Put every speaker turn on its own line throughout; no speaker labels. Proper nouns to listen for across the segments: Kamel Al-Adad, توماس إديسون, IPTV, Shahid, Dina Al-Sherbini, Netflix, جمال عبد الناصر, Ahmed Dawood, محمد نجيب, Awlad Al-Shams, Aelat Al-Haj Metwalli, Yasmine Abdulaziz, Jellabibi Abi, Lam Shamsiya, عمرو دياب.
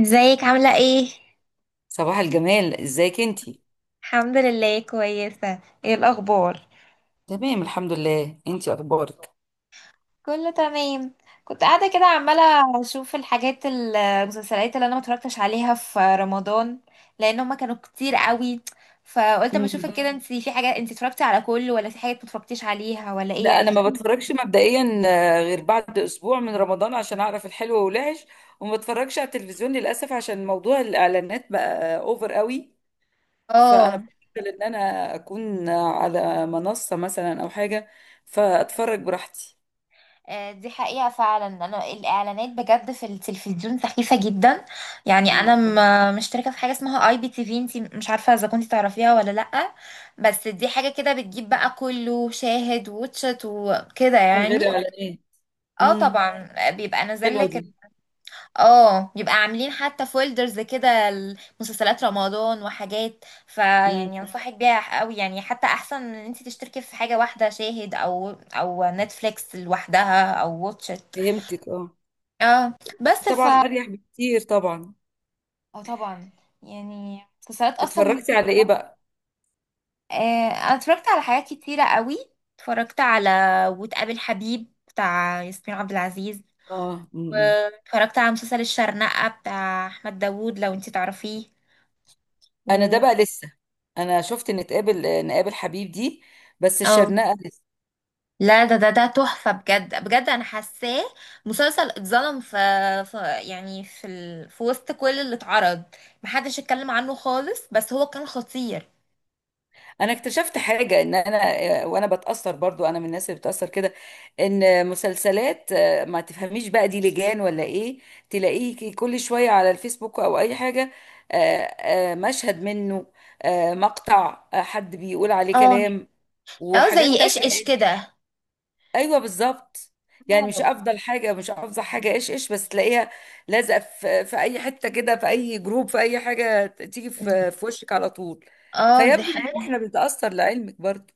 ازيك عاملة ايه؟
صباح الجمال، ازيك انتي؟
الحمد لله كويسة. ايه الأخبار؟
تمام، الحمد لله. انتي اخبارك؟
كله تمام. كنت قاعدة كده عمالة أشوف الحاجات المسلسلات اللي أنا ما اتفرجتش عليها في رمضان، لأن هما كانوا كتير قوي. فقلت أما
مم.
أشوفك كده انتي في حاجة، انتي اتفرجتي على كله ولا في حاجات ما اتفرجتيش عليها ولا ايه،
لا،
يعني
انا ما
احكي.
بتفرجش مبدئيا، غير بعد اسبوع من رمضان عشان اعرف الحلو والوحش. وما بتفرجش على التلفزيون للاسف عشان موضوع الاعلانات بقى اوفر قوي. فانا
اه.
بفضل ان انا اكون على منصة مثلا او حاجة، فاتفرج براحتي.
دي حقيقة فعلا، أنا الإعلانات بجد في التلفزيون سخيفة جدا. يعني أنا
مم.
مشتركة في حاجة اسمها اي بي تي في، انتي مش عارفة إذا كنتي تعرفيها ولا لأ. بس دي حاجة كده بتجيب بقى كله، شاهد واتشت وكده
من
يعني.
غير اعلانات.
اه
امم.
طبعا بيبقى نازل
حلوة
لك.
دي.
اه بيبقى عاملين حتى فولدرز كده، مسلسلات رمضان وحاجات،
امم.
فيعني انصحك بيها قوي، يعني حتى احسن من ان انت تشتركي في حاجة واحدة شاهد او او نتفليكس لوحدها او واتشت.
فهمتك. اه،
اه بس ف
طبعا اريح بكتير طبعا.
اه طبعا. يعني مسلسلات اصلا
اتفرجتي على ايه بقى؟
آه انا اتفرجت على حاجات كتيرة قوي. اتفرجت على وتقابل حبيب بتاع ياسمين عبد العزيز،
اه. مم.
واتفرجت على مسلسل الشرنقة بتاع احمد داوود لو انتي تعرفيه.
انا ده
و-
بقى لسه. انا شفت ان تقابل آه، نقابل حبيب دي، بس
اه
الشرنقه لسه.
لا ده تحفة بجد بجد، انا حاساه مسلسل اتظلم في، يعني في ال... في وسط كل اللي اتعرض محدش اتكلم عنه خالص، بس هو كان خطير.
انا اكتشفت حاجه ان انا، وانا بتاثر برضو، انا من الناس اللي بتاثر كده. ان مسلسلات، ما تفهميش بقى دي لجان ولا ايه؟ تلاقيه كل شويه على الفيسبوك او اي حاجه، آه، مشهد منه، مقطع، حد بيقول عليه
اه.
كلام،
اه
وحاجات
زي ايش ايش
تانية.
كده.
ايوه، بالظبط. يعني مش
اه.
آه. افضل حاجه مش افضل حاجه ايش ايش، بس تلاقيها لازقه في اي حته كده، في اي جروب، في اي حاجه، تيجي في وشك على طول.
اه دي
فيبدو ان
حقيقة.
احنا بنتاثر لعلمك برضه.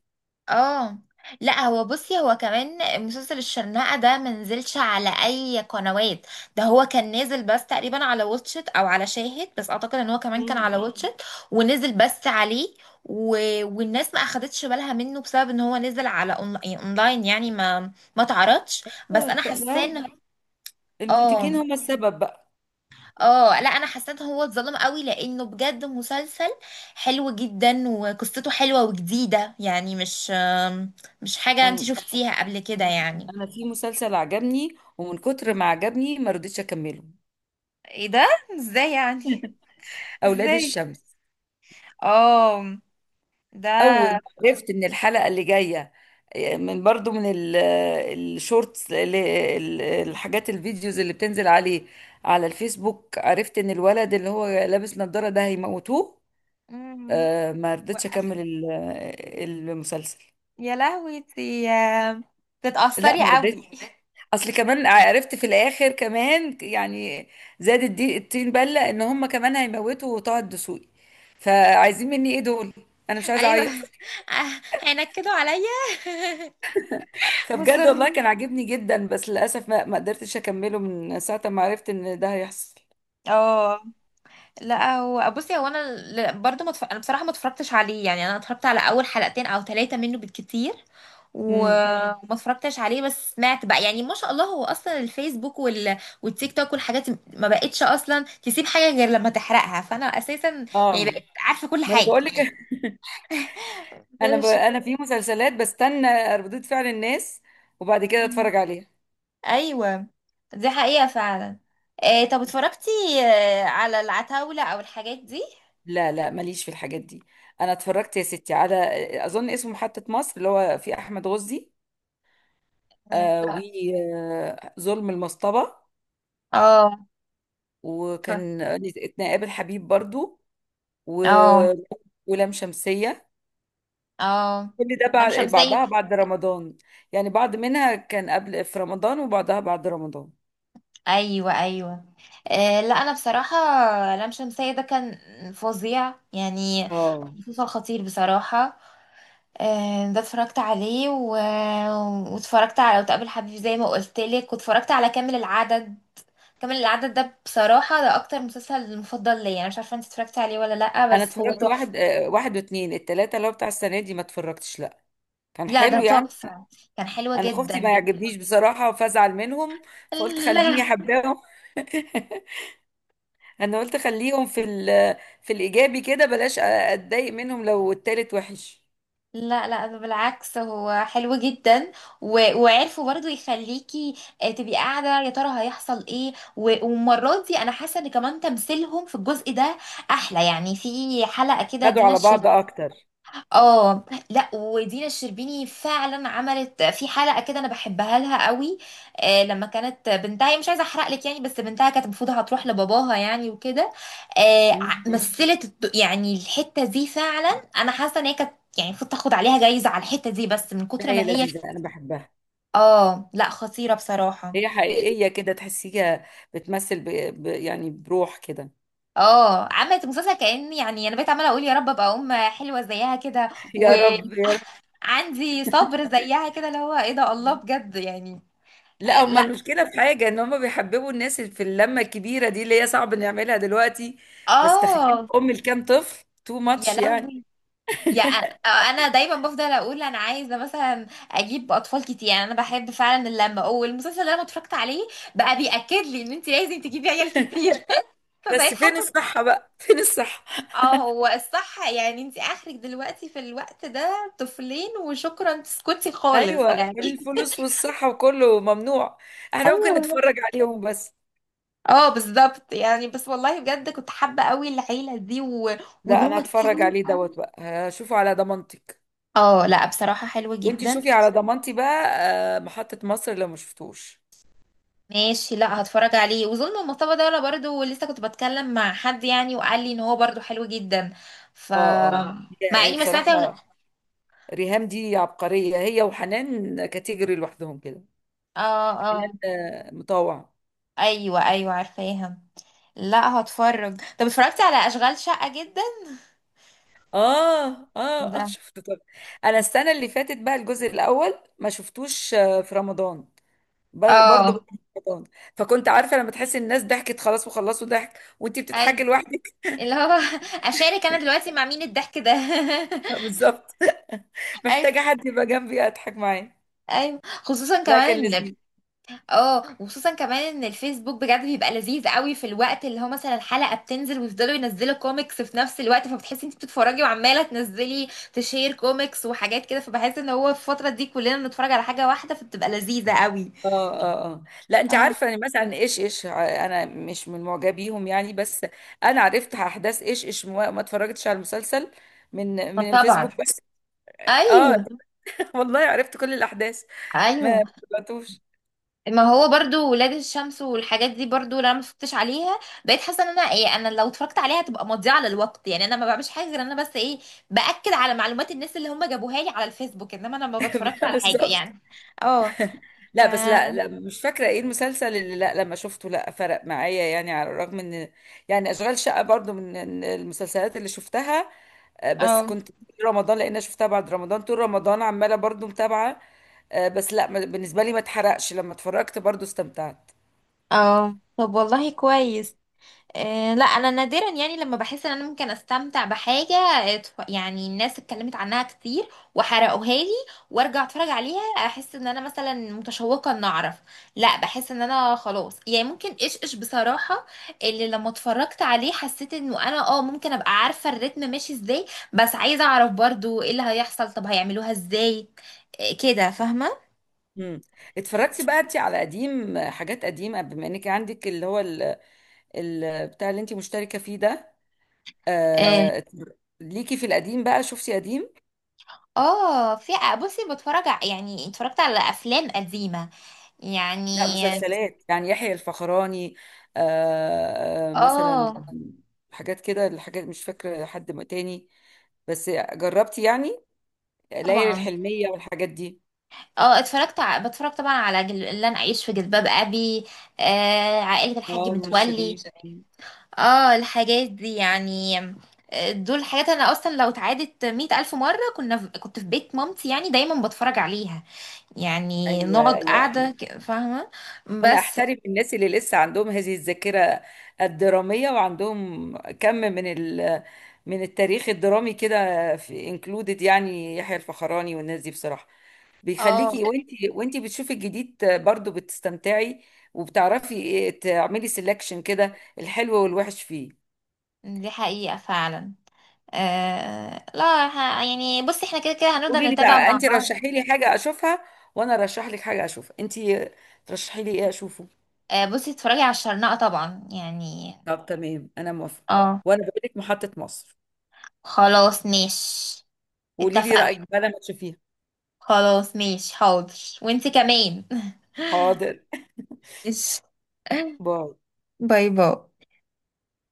اه لا هو بصي، هو كمان مسلسل الشرنقة ده منزلش على اي قنوات. ده هو كان نازل بس تقريبا على واتشت او على شاهد، بس اعتقد ان هو كمان كان على
مم.
واتشت. ونزل بس عليه. و... والناس ما اخدتش بالها منه بسبب ان هو نزل على يعني اونلاين، يعني ما تعرضش. بس انا
طب ما
حاسه
هم
ان
المنتجين
اه.
هم السبب بقى.
اه لا انا حسيت هو اتظلم قوي لانه بجد مسلسل حلو جدا، وقصته حلوه وجديده، يعني مش مش حاجه انت
انا
شفتيها قبل كده يعني.
انا في مسلسل عجبني ومن كتر ما عجبني ما رضيتش اكمله.
ايه ده؟ ازاي يعني؟
اولاد
ازاي؟
الشمس.
اه. ده
اول ما عرفت ان الحلقه اللي جايه من برضو الشورتس، الحاجات، الفيديوز اللي بتنزل عليه على الفيسبوك، عرفت ان الولد اللي هو لابس نظاره ده هيموتوه.
مم.
ما رضيتش
وقف.
اكمل المسلسل.
يا لهوي،
لا،
تتأثري
ما رضيتش.
قوي؟
اصل كمان عرفت في الاخر كمان، يعني زادت دي الطين بله ان هم كمان هيموتوا طه الدسوقي. فعايزين مني ايه دول؟ انا مش عايزه
ايوه.
اعيط.
هينكدوا عليا.
فبجد
مصر.
والله كان عاجبني جدا، بس للاسف ما قدرتش اكمله من ساعه ما عرفت ان ده هيحصل.
اه لا هو بصي، هو انا برضو انا بصراحه ما اتفرجتش عليه، يعني انا اتفرجت على اول حلقتين او 3 منه بالكتير.
امم.
مم. وما اتفرجتش عليه، بس سمعت بقى، يعني ما شاء الله هو اصلا الفيسبوك وال... والتيك توك والحاجات دي ما بقتش اصلا تسيب حاجه غير لما تحرقها، فانا اساسا يعني
اه.
بقيت عارفه كل
ما انا
حاجه.
بقول لك.
مش-
انا في مسلسلات بستنى ردود فعل الناس، وبعد كده
مم.
اتفرج عليها.
ايوه دي حقيقه فعلا. إيه طب اتفرجتي على العتاوله او الحاجات دي؟
لا لا، ماليش في الحاجات دي. انا اتفرجت يا ستي على، اظن اسمه محطة مصر اللي هو في احمد غزي،
مم.
و
لا.
ظلم المصطبة،
اه.
وكان نتقابل حبيب برضو، و...
اه.
ولام شمسية.
اه
كل ده
لام
بعد
شمسية.
بعضها بعد رمضان، يعني بعض منها كان قبل في رمضان وبعضها بعد رمضان.
ايوه ايوه. آه لا انا بصراحه، لام شمسية ده كان فظيع يعني،
اه.
مسلسل خطير بصراحه. آه ده اتفرجت عليه و... واتفرجت على وتقابل حبيبي زي ما قلت لك، واتفرجت على كامل العدد. كامل العدد ده بصراحه ده اكتر مسلسل مفضل ليا، انا مش عارفه انت اتفرجت عليه ولا لا،
انا
بس هو
اتفرجت واحد،
تحفه.
واتنين. التلاتة اللي هو بتاع السنة دي ما اتفرجتش، لا. كان
لا ده
حلو يعني.
تحفه، كان حلو
انا خفتي
جدا
ما
جدا.
يعجبنيش بصراحة فازعل منهم، فقلت خليني
لا
احبهم. انا قلت خليهم في الايجابي كده، بلاش اتضايق منهم لو التالت وحش.
لا لا ده بالعكس هو حلو جدا. و... وعرفوا برضو يخليكي تبقي قاعدة يا ترى هيحصل ايه و... والمرات دي انا حاسة ان كمان تمثيلهم في الجزء ده احلى، يعني في حلقة كده
خدوا
دينا
على
الشربيني.
بعض اكتر.
اه. لا ودينا الشربيني فعلا عملت في حلقه كده، انا بحبها لها قوي. آه لما كانت بنتها، هي مش عايزه احرق لك يعني، بس بنتها كانت المفروض هتروح لباباها يعني وكده. آه
مم.
مثلت يعني الحته دي فعلا، انا حاسه ان هي كانت يعني المفروض تاخد عليها جايزه على الحته دي، بس من
ده
كتر ما
هي
هي.
لذيذة انا بحبها.
اه لا خطيره بصراحه.
هي حقيقية كده تحسيها، بتمثل يعني بروح كده.
اه عملت مسلسل كأن، يعني انا بقيت عماله اقول يا رب ابقى ام حلوه زيها كده،
يا رب يا رب.
وعندي صبر زيها كده، اللي هو ايه ده، الله بجد يعني.
لا، هما
لا.
المشكلة في حاجة ان هما بيحببوا الناس في اللمة الكبيرة دي اللي هي صعب نعملها دلوقتي. بس تخيل
اه.
ام لكام طفل، تو
يا
ماتش يعني.
لهوي. يا انا انا دايما بفضل اقول انا عايزه مثلا اجيب اطفال كتير، يعني انا بحب فعلا اللمه، والمسلسل اللي انا اتفرجت عليه بقى بياكد لي ان انت لازم تجيبي عيال كتير. فبقيت
بس فين
حاسه.
الصحة بقى، فين الصحة؟
اه هو الصح، يعني انت اخرك دلوقتي في الوقت ده طفلين وشكرا، تسكتي خالص
ايوه،
يعني.
الفلوس والصحة وكله ممنوع. احنا ممكن
ايوه.
نتفرج عليهم بس.
اه بالظبط يعني، بس والله بجد كنت حابه قوي العيله دي و... وان
لا، انا
هم
هتفرج
كتير.
عليه دوت بقى، هشوفه على ضمانتك.
اه لا بصراحه حلوه
وانت
جدا.
شوفي على ضمانتي بقى، محطة مصر لو ما شفتوش.
ماشي، لا هتفرج عليه. وظلم المصطبة ده، ولا برضو لسه كنت بتكلم مع حد يعني وقال لي ان هو برضو حلو جدا. ف
اه اه.
اه
هي
مع
هي
اني ما سمعت حلو اه صح.
بصراحة، ريهام دي عبقرية، هي وحنان كاتيجوري لوحدهم كده. حنان
اه.
مطوع.
ايوه ايوه عارفاها. لا هتفرج. طب اتفرجت على اشغال شقة جدا
اه اه
ده؟
اه. شفت؟ طب انا السنة اللي فاتت بقى، الجزء الاول ما شفتوش في رمضان، برضه
اه.
بعد رمضان. فكنت عارفة لما تحسي الناس ضحكت خلاص وخلصوا ضحك، وانتي بتضحكي
ايوه،
لوحدك.
اللي هو اشارك انا دلوقتي مع مين الضحك ده؟
بالظبط.
ايوه.
محتاجة حد يبقى جنبي اضحك معاه.
ايوه خصوصا
لا، كان
كمان.
لذيذ.
اه وخصوصا كمان ان الفيسبوك بجد بيبقى لذيذ قوي في الوقت اللي هو مثلا الحلقه بتنزل ويفضلوا ينزلوا كوميكس في نفس الوقت، فبتحسي انت بتتفرجي وعماله تنزلي تشير كوميكس وحاجات كده، فبحس ان هو في الفتره دي كلنا بنتفرج على حاجه واحده فبتبقى لذيذه قوي.
اه اه اه. لا انت
اه
عارفه، يعني مثلا ايش ايش، انا مش من معجبيهم يعني. بس انا عرفت احداث ايش ايش، ما اتفرجتش على المسلسل من
فطبعا.
الفيسبوك بس. اه.
ايوه
والله عرفت كل الاحداث، ما
ايوه.
ما تبعتوش.
ما هو برضو ولاد الشمس والحاجات دي برضو لو انا ما اتفرجتش عليها بقيت حاسه ان انا ايه، انا لو اتفرجت عليها هتبقى مضيعه للوقت، يعني انا ما بعملش حاجه غير ان انا بس ايه، باكد على معلومات الناس اللي هم جابوها لي على الفيسبوك، انما انا ما بتفرجش على حاجه
بالظبط.
يعني. اه. ف
لا بس، لا لا، مش فاكره ايه المسلسل اللي لا لما شفته لا فرق معايا يعني. على الرغم ان، يعني اشغال شقه برضو من المسلسلات اللي شفتها، بس
اه
كنت طول رمضان، لان انا شفتها بعد رمضان، طول رمضان عماله برضو متابعه. بس لا، بالنسبه لي ما اتحرقش، لما اتفرجت برضو استمتعت.
اه طب والله كويس. لا انا نادرا، يعني لما بحس ان انا ممكن استمتع بحاجه يعني الناس اتكلمت عنها كتير وحرقوها لي وارجع اتفرج عليها، احس ان انا مثلا متشوقه ان اعرف. لا بحس ان انا خلاص، يعني ممكن ايش ايش بصراحه. اللي لما اتفرجت عليه حسيت انه انا اه ممكن ابقى عارفه الريتم ماشي ازاي، بس عايزه اعرف برضو ايه اللي هيحصل، طب هيعملوها ازاي. كده فاهمه.
امم. اتفرجتي بقى انت على قديم، حاجات قديمه بما انك عندك اللي هو ال... بتاع اللي انت مشتركه فيه ده.
آه،
آه، اتفر- ليكي في القديم بقى؟ شفتي قديم؟
اه في. بصي بتفرج يعني اتفرجت على افلام قديمه
لا،
يعني.
مسلسلات يعني يحيى الفخراني، مثلا،
اه
حاجات كده. الحاجات مش فاكره حد تاني، بس جربتي يعني ليالي
طبعا.
الحلميه والحاجات دي؟
اه اتفرجت بتفرج طبعا على اللي انا اعيش في جلباب ابي، آه عائله
اه،
الحاج
نور
متولي.
شريف.
اه الحاجات دي يعني. دول حاجات انا اصلا لو اتعادت 100,000 مره كنا في... كنت في بيت مامتي يعني دايما بتفرج عليها، يعني
ايوه
نقعد
ايوه.
قاعده فاهمه.
انا
بس.
احترم الناس اللي لسه عندهم هذه الذاكره الدراميه، وعندهم كم من ال، من التاريخ الدرامي كده، في انكلودد يعني يحيى الفخراني والناس دي بصراحه.
اه
بيخليكي وانتي بتشوفي الجديد برضو بتستمتعي، وبتعرفي إيه تعملي سelection كده، الحلو والوحش فيه.
دي حقيقه فعلا. آه لا يعني بصي احنا كده كده هنفضل
قولي لي
نتابع
بقى
مع
انتي،
بعض.
رشحي لي حاجه اشوفها، وانا رشح لك حاجه اشوفها انتي. ترشحي لي ايه اشوفه؟
آه بصي اتفرجي على الشرنقة طبعا يعني.
طب تمام، انا موافقه.
اه
وانا بقول لك محطة مصر.
خلاص ماشي.
قولي لي
اتفقنا،
رأيك بقى لما تشوفيها.
خلاص ماشي حاضر. وانتي كمان.
حاضر.
ماشي.
باي.
باي باي.